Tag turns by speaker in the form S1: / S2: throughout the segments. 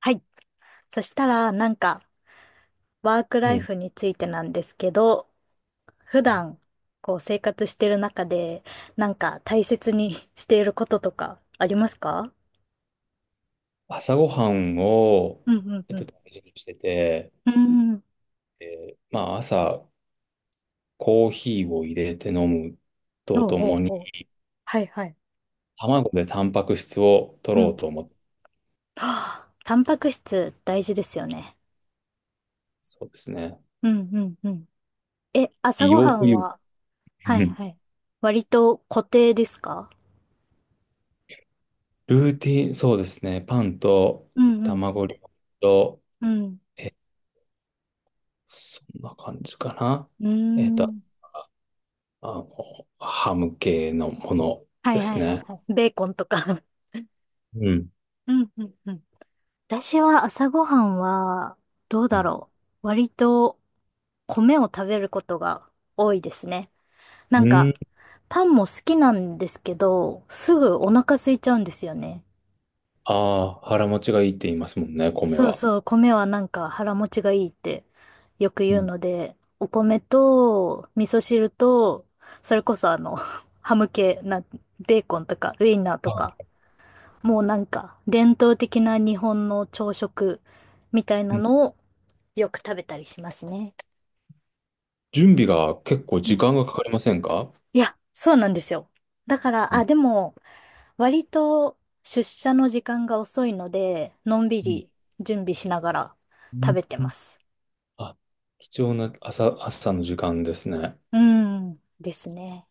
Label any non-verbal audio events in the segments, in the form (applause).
S1: はい。そしたら、なんか、ワークラ
S2: う
S1: イ
S2: ん。
S1: フについてなんですけど、普段、こう、生活してる中で、なんか、大切に (laughs) していることとか、ありますか？
S2: 朝ごはんを、
S1: うんうんうん。
S2: 大事にしてて、
S1: うん。
S2: えまあ、朝、コーヒーを入れて飲む
S1: お
S2: と
S1: う
S2: と
S1: お
S2: も
S1: う
S2: に、
S1: おう。はいはい。
S2: 卵でタンパク質を取
S1: うん。
S2: ろ
S1: は
S2: うと思って、
S1: あ、タンパク質大事ですよね。
S2: そうですね。
S1: うんうんうん。え、朝
S2: 美
S1: ご
S2: 容
S1: は
S2: と
S1: ん
S2: いう、
S1: は、
S2: う
S1: はい
S2: ん、
S1: はい。割と固定ですか？
S2: ルーティン、そうですね。パンと
S1: うんうん。
S2: 卵料理と、
S1: うん。
S2: え、そんな感じかな。
S1: うー
S2: えっと、
S1: ん。
S2: あの、ハム系のもの
S1: は
S2: で
S1: いは
S2: す
S1: いはい
S2: ね。
S1: はい。ベーコンとか (laughs)
S2: うん。
S1: うんうんうん。私は朝ごはんは、どう
S2: う
S1: だ
S2: ん。
S1: ろう。割と米を食べることが多いですね。なん
S2: う
S1: か、
S2: ん、
S1: パンも好きなんですけど、すぐお腹空いちゃうんですよね。
S2: ああ、腹持ちがいいって言いますもんね、米
S1: そう
S2: は。
S1: そう、米はなんか腹持ちがいいってよく
S2: う
S1: 言う
S2: ん。
S1: ので、お米と味噌汁と、それこそ(laughs) ハム系な、ベーコンとかウインナーとか、
S2: あ、
S1: もうなんか伝統的な日本の朝食みたいな
S2: うん、
S1: のをよく食べたりしますね。
S2: 準備が結構
S1: う
S2: 時
S1: ん。
S2: 間がかかりませんか？
S1: いや、そうなんですよ。だから、
S2: う
S1: あ、
S2: ん。
S1: でも、割と出社の時間が遅いので、のんび
S2: うん。
S1: り準備しながら
S2: う
S1: 食
S2: ん。
S1: べて
S2: うん。
S1: ます。
S2: あ、貴重な朝の時間ですね。
S1: うん、ですね。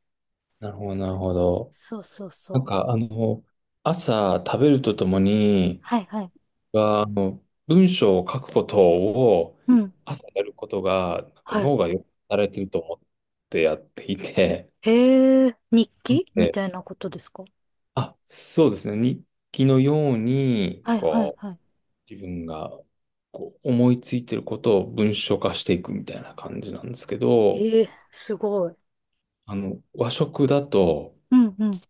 S2: なるほど、なるほど。
S1: そうそう
S2: なん
S1: そう。
S2: か、朝食べるとともに、
S1: はいはい。
S2: が、あの、文章を書くことを
S1: うん。
S2: 朝やることが、なんか
S1: はい。
S2: 脳がよく働いてると思ってやっていて、
S1: へえ、日
S2: なの
S1: 記み
S2: で、
S1: たいなことですか？
S2: あ、そうですね。日記のように、
S1: はいはい
S2: こう、
S1: はい。
S2: 自分がこう思いついてることを文章化していくみたいな感じなんですけど、
S1: ええ、すごい。
S2: 和食だと、
S1: うんうん。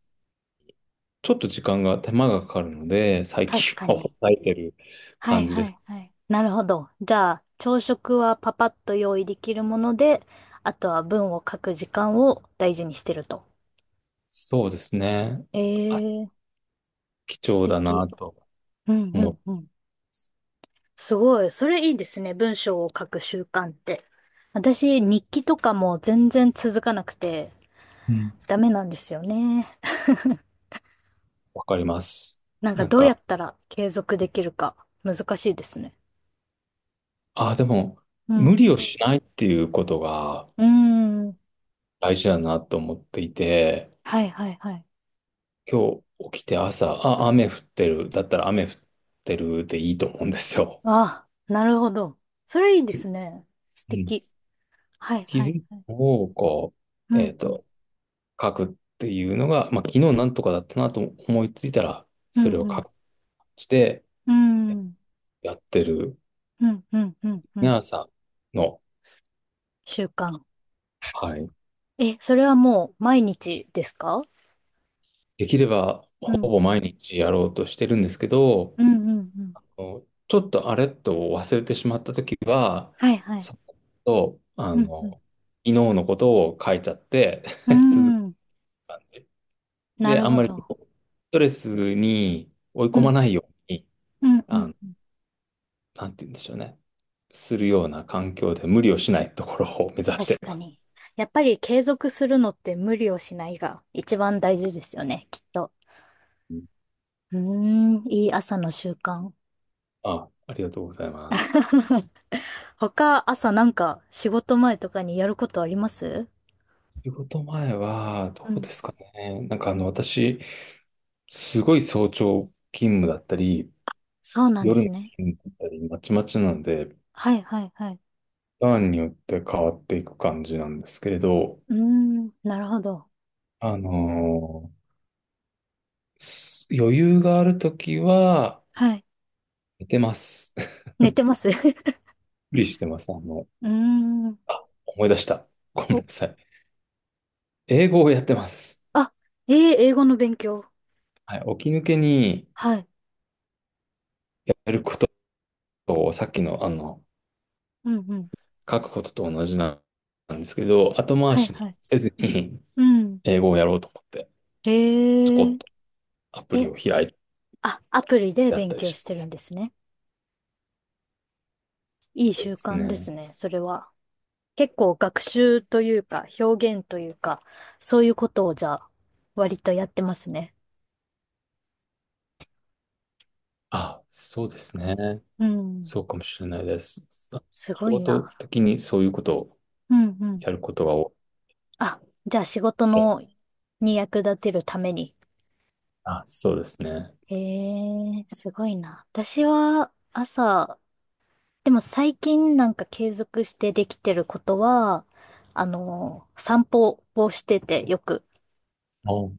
S2: ちょっと時間が、手間がかかるので、最
S1: 確
S2: 近
S1: か
S2: は
S1: に。
S2: 抑えてる
S1: は
S2: 感
S1: い
S2: じ
S1: は
S2: で
S1: い
S2: す。
S1: はい。なるほど。じゃあ、朝食はパパッと用意できるもので、あとは文を書く時間を大事にしてると。
S2: そうですね。
S1: え
S2: あ、
S1: え、
S2: 貴
S1: 素
S2: 重だ
S1: 敵。
S2: なと
S1: うんう
S2: 思っ
S1: ん
S2: て、
S1: うん。すごい。それいいですね。文章を書く習慣って。私、日記とかも全然続かなくて
S2: うん、
S1: ダメなんですよね。
S2: わかります。
S1: なんか
S2: なん
S1: どうや
S2: か、
S1: ったら継続できるか、難しいですね。
S2: あ、でも、
S1: う
S2: 無
S1: ん。
S2: 理をしないっていうことが
S1: うーん。
S2: 大事だなと思っていて、
S1: はいはいはい。
S2: 今日起きて朝、あ、雨降ってる、だったら雨降ってるでいいと思うんですよ。
S1: ああ、なるほど。それいい
S2: ス
S1: で
S2: キ
S1: す
S2: う
S1: ね。素
S2: ん。
S1: 敵。は
S2: ス
S1: い、
S2: キ
S1: はい、
S2: ル
S1: はい。
S2: を、こ
S1: う
S2: う、
S1: ん、うん、
S2: 書くっていうのが、まあ、昨日なんとかだったなと思いついたら、
S1: う
S2: そ
S1: ん、
S2: れを
S1: う
S2: 書
S1: ん、
S2: くして、
S1: うん、
S2: やってる、
S1: うん、うん、うん、うん。
S2: 皆さんの、
S1: 習慣。
S2: はい。
S1: え、それはもう毎日ですか？
S2: できれば、
S1: うん、
S2: ほ
S1: うん、
S2: ぼ毎日やろうとしてるんですけど、
S1: うん、うん。
S2: ちょっとあれっと忘れてしまったときは、
S1: はい、はい。
S2: さっと、
S1: うん、うん。
S2: 昨日のことを書いちゃって
S1: うー
S2: (laughs) 続け
S1: ん、な
S2: て、
S1: る
S2: あん
S1: ほ
S2: まりス
S1: ど。
S2: トレスに追い
S1: う
S2: 込ま
S1: ん、
S2: ないように、
S1: うん、う
S2: あ
S1: ん。
S2: のなんて言うんでしょうね。するような環境で無理をしないところを目指して
S1: 確
S2: い
S1: か
S2: ます。
S1: に。やっぱり継続するのって無理をしないが一番大事ですよね、きっと。
S2: うん。
S1: うーん、いい朝の習慣。
S2: あ、ありがとうございます。
S1: (laughs) 他、朝なんか仕事前とかにやることあります？
S2: 仕事前は、
S1: う
S2: どうで
S1: ん。
S2: すかね。なんか私、すごい早朝勤務だったり、
S1: そうなんで
S2: 夜の
S1: すね。
S2: 勤務だったり、まちまちなので、
S1: はいはいはい。
S2: ターンによって変わっていく感じなんですけれど、
S1: うーん、なるほど。
S2: あのーす余裕があるときは、
S1: はい。
S2: 寝てます。(laughs)
S1: 寝てます (laughs) う
S2: 無理してます。
S1: ーん。
S2: あ、思い出した。ごめんな
S1: お、
S2: さい。英語をやってます。
S1: あ、英語の勉強。
S2: はい、起き抜けに
S1: はい。
S2: やることを、さっきの、
S1: うんうん。
S2: 書くことと同じなんですけど、後回
S1: はい
S2: し
S1: は
S2: に
S1: い。
S2: せずに
S1: うん。
S2: (laughs) 英語をやろうと思って、ちょこ
S1: へ
S2: っ
S1: え。
S2: とアプリ
S1: え、
S2: を開いて
S1: あ、アプリで
S2: やっ
S1: 勉
S2: たり
S1: 強
S2: しま
S1: して
S2: す。
S1: るんですね。いい
S2: そうで
S1: 習
S2: す
S1: 慣で
S2: ね。
S1: すね、それは。結構学習というか、表現というか、そういうことをじゃあ、割とやってますね。
S2: あ、そうですね。
S1: うん。
S2: そうかもしれないです。あ、
S1: すご
S2: 仕
S1: い
S2: 事
S1: な。
S2: 的にそういうことを
S1: うんうん。
S2: やることが多
S1: あ、じゃあ仕事
S2: い。
S1: の、に役立てるために。
S2: あ、そうですね。
S1: へえ、すごいな。私は朝、でも最近なんか継続してできてることは、散歩をしててよく。
S2: あ、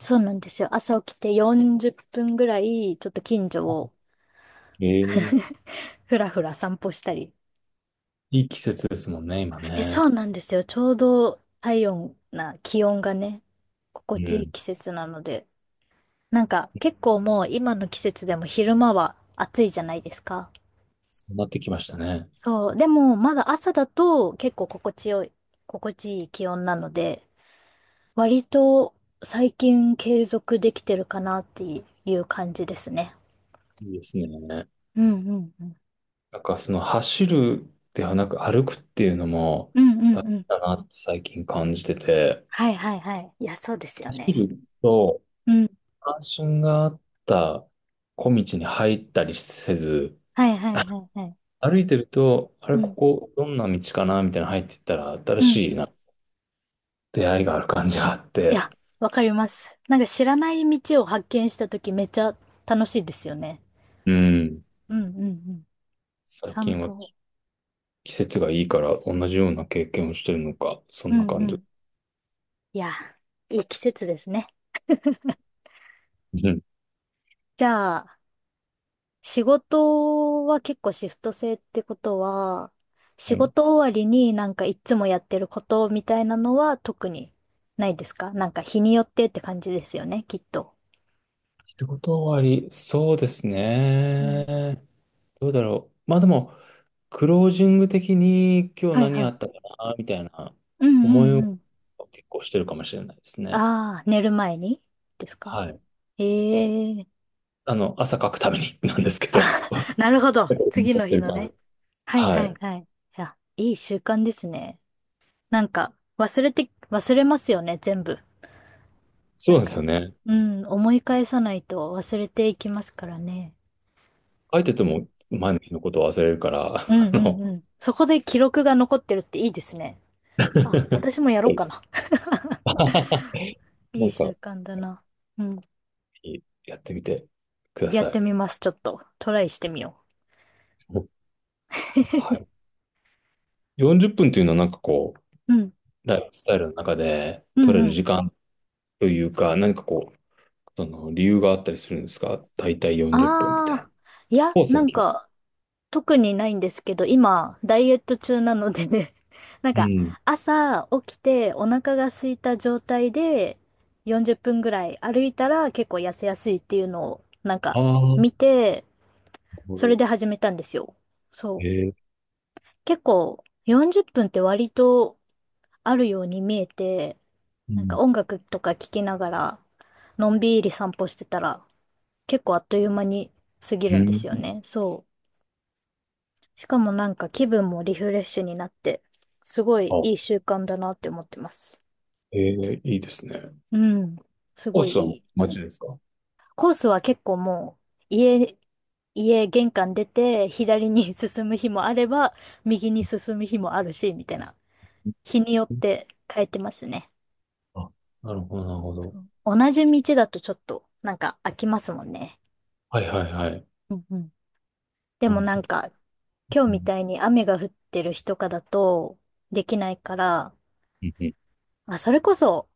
S1: そうなんですよ。朝起きて40分ぐらい、ちょっと近所を
S2: ええ、
S1: ふらふら散歩したり。
S2: いい季節ですもんね、今
S1: え、そ
S2: ね。
S1: うなんですよ。ちょうど体温な気温がね、
S2: う
S1: 心地いい
S2: ん。
S1: 季節なので。なんか結構もう今の季節でも昼間は暑いじゃないですか。
S2: そうなってきましたね。
S1: そう。でも、まだ朝だと結構心地いい気温なので、割と最近継続できてるかなっていう感じですね。
S2: いいですね。
S1: うんうんうん。
S2: なんかその走るではなく歩くっていうのも
S1: うんう
S2: だ
S1: ん
S2: っ
S1: うん。
S2: たなって最近感じてて、
S1: はいはいはい。いや、そうですよね。
S2: 走ると
S1: うん。
S2: 関心があった小道に入ったりせず、
S1: はいはいはいはい。
S2: 歩いてると、あれ、
S1: う
S2: こ
S1: ん。
S2: こどんな道かなみたいな入っていったら新
S1: うん
S2: し
S1: う
S2: い
S1: ん。
S2: な出会いがある感じがあっ
S1: い
S2: て、
S1: や、わかります。なんか知らない道を発見したときめっちゃ楽しいですよね。
S2: うん。
S1: うんうんうん。
S2: 最
S1: 散
S2: 近は
S1: 歩。
S2: 季節がいいから同じような経験をしてるのか、そ
S1: う
S2: んな
S1: んう
S2: 感じ。
S1: ん。いや、いい季節ですね。
S2: うん。
S1: じゃあ、仕事は結構シフト制ってことは、
S2: う
S1: 仕
S2: ん。
S1: 事終わりになんかいつもやってることみたいなのは特にないですか？なんか日によってって感じですよね、きっと。
S2: 仕事終わり、そうです
S1: うん。
S2: ね。どうだろう。まあでも、クロージング的に今日
S1: はい
S2: 何
S1: は
S2: あ
S1: い。
S2: ったかな、みたいな
S1: うん
S2: 思
S1: う
S2: い
S1: ん
S2: を
S1: うん。
S2: 結構してるかもしれないですね。
S1: ああ、寝る前にですか？
S2: はい。
S1: ええ、
S2: 朝書くために (laughs) なんですけど。
S1: あ、(laughs) なるほど。
S2: 思い
S1: 次
S2: 出
S1: の
S2: して
S1: 日
S2: る
S1: の
S2: から。
S1: ね。はい
S2: は
S1: は
S2: い。
S1: いはい。いや、いい習慣ですね。なんか、忘れますよね、全部。
S2: そ
S1: な
S2: う
S1: ん
S2: なんですよ
S1: か、
S2: ね。
S1: うん、思い返さないと忘れていきますからね。
S2: 書いてて
S1: う
S2: も前の日のことを忘れるから、
S1: んうんうん。そこで記録が残ってるっていいですね。
S2: (laughs) そ
S1: あ、
S2: う
S1: 私もやろう
S2: で
S1: か
S2: す
S1: な。
S2: (laughs)
S1: い
S2: な
S1: い
S2: んか、
S1: 習慣だな。うん。
S2: やってみてくだ
S1: やっ
S2: さ
S1: て
S2: い。
S1: みます、ちょっと。トライしてみよう。
S2: はい。
S1: (laughs)
S2: 40分というのはなんかこう、
S1: うん。
S2: ライフスタイルの中で
S1: う
S2: 取れ
S1: ん
S2: る
S1: うん。
S2: 時間というか、何かこう、その理由があったりするんですか？大体40分みたい
S1: ああ。
S2: な。
S1: いや、
S2: コース
S1: な
S2: は
S1: ん
S2: 決まっ、
S1: か、特にないんですけど、今、ダイエット中なのでね (laughs) なん
S2: う
S1: か、
S2: ん。
S1: 朝起きてお腹が空いた状態で40分ぐらい歩いたら結構痩せやすいっていうのを、なん
S2: あ
S1: か、
S2: あ、なる
S1: 見て、
S2: ほ
S1: それ
S2: ど。
S1: で始めたんですよ。そう。
S2: ええ。
S1: 結構、40分っぷんって割とあるように見えて、
S2: う
S1: なんか
S2: ん。
S1: 音楽とか聴きながら、のんびり散歩してたら、結構あっという間に過ぎ
S2: う
S1: るんです
S2: ん。
S1: よね。そう。しかもなんか気分もリフレッシュになって、すごい
S2: あ、
S1: いい習慣だなって思ってます。
S2: ええ、いいですね。
S1: うん。す
S2: コー
S1: ごい
S2: スはも
S1: い
S2: う
S1: い。
S2: 街ですか？
S1: コースは結構もう、家玄関出て、左に (laughs) 進む日もあれば、右に進む日もあるし、みたいな。日によっ
S2: うん。
S1: て変えてますね。
S2: あ、なるほど、なるほど。
S1: 同じ道だとちょっと、なんか飽きますもんね。
S2: はい、はい、はい。
S1: うんうん。で
S2: な
S1: も
S2: るほ
S1: なん
S2: ど。
S1: か、今日
S2: う
S1: み
S2: ん。
S1: たいに雨が降ってる日とかだと、できないから、
S2: うん、うん、
S1: まあ、それこそ、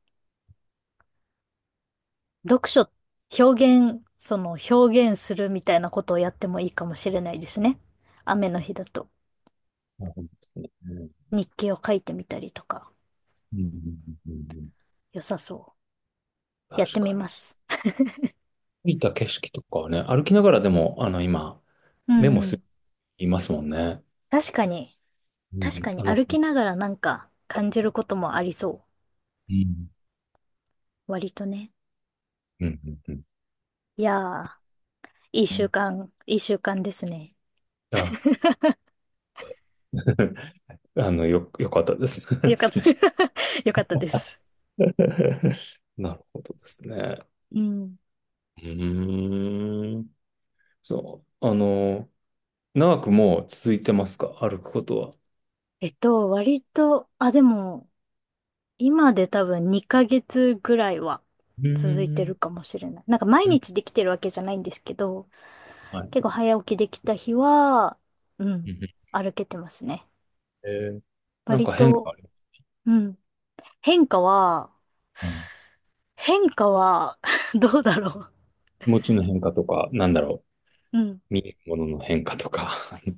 S1: 読書、表現、その表現するみたいなことをやってもいいかもしれないですね。雨の日だと
S2: なるほどですね。
S1: 日記を書いてみたりとか、
S2: うん、うん、うん、うん、うん、
S1: 良さそう。やっ
S2: 確
S1: てみ
S2: か
S1: ま
S2: に。
S1: す。
S2: 見た景色とかはね、歩きながらでも、今、
S1: う
S2: メモ
S1: んう
S2: す、
S1: ん。
S2: いますもんね。
S1: 確かに、
S2: う
S1: 確
S2: ん。
S1: かに歩きながらなんか感じることもありそ
S2: うん。
S1: う。割とね。
S2: うん、うん、
S1: いやー、いい
S2: う
S1: 習
S2: ん。
S1: 慣、いい習慣ですね。
S2: じゃあ、(laughs) よかったです。(laughs)
S1: よかっ
S2: そ
S1: た。
S2: の
S1: (laughs) よかったです。
S2: (laughs) なるほどですね。
S1: うん。
S2: うーん。そう。長くもう続いてますか？歩くことは。
S1: 割と、あ、でも、今で多分2ヶ月ぐらいは
S2: う
S1: 続い
S2: ー
S1: てる
S2: ん。
S1: かもしれない。なんか毎
S2: うん、
S1: 日できてるわけじゃないんですけど、
S2: はい。
S1: 結構早起きできた日は、う
S2: う
S1: ん、
S2: ん、
S1: 歩けてますね。
S2: えーなん
S1: 割
S2: か変
S1: と、
S2: 化ある？
S1: うん、変化は、
S2: うん、
S1: 変化は (laughs) どうだろ
S2: 気持ちの変化とか、なんだろう。
S1: う。うん
S2: 見えるものの変化とか。(laughs)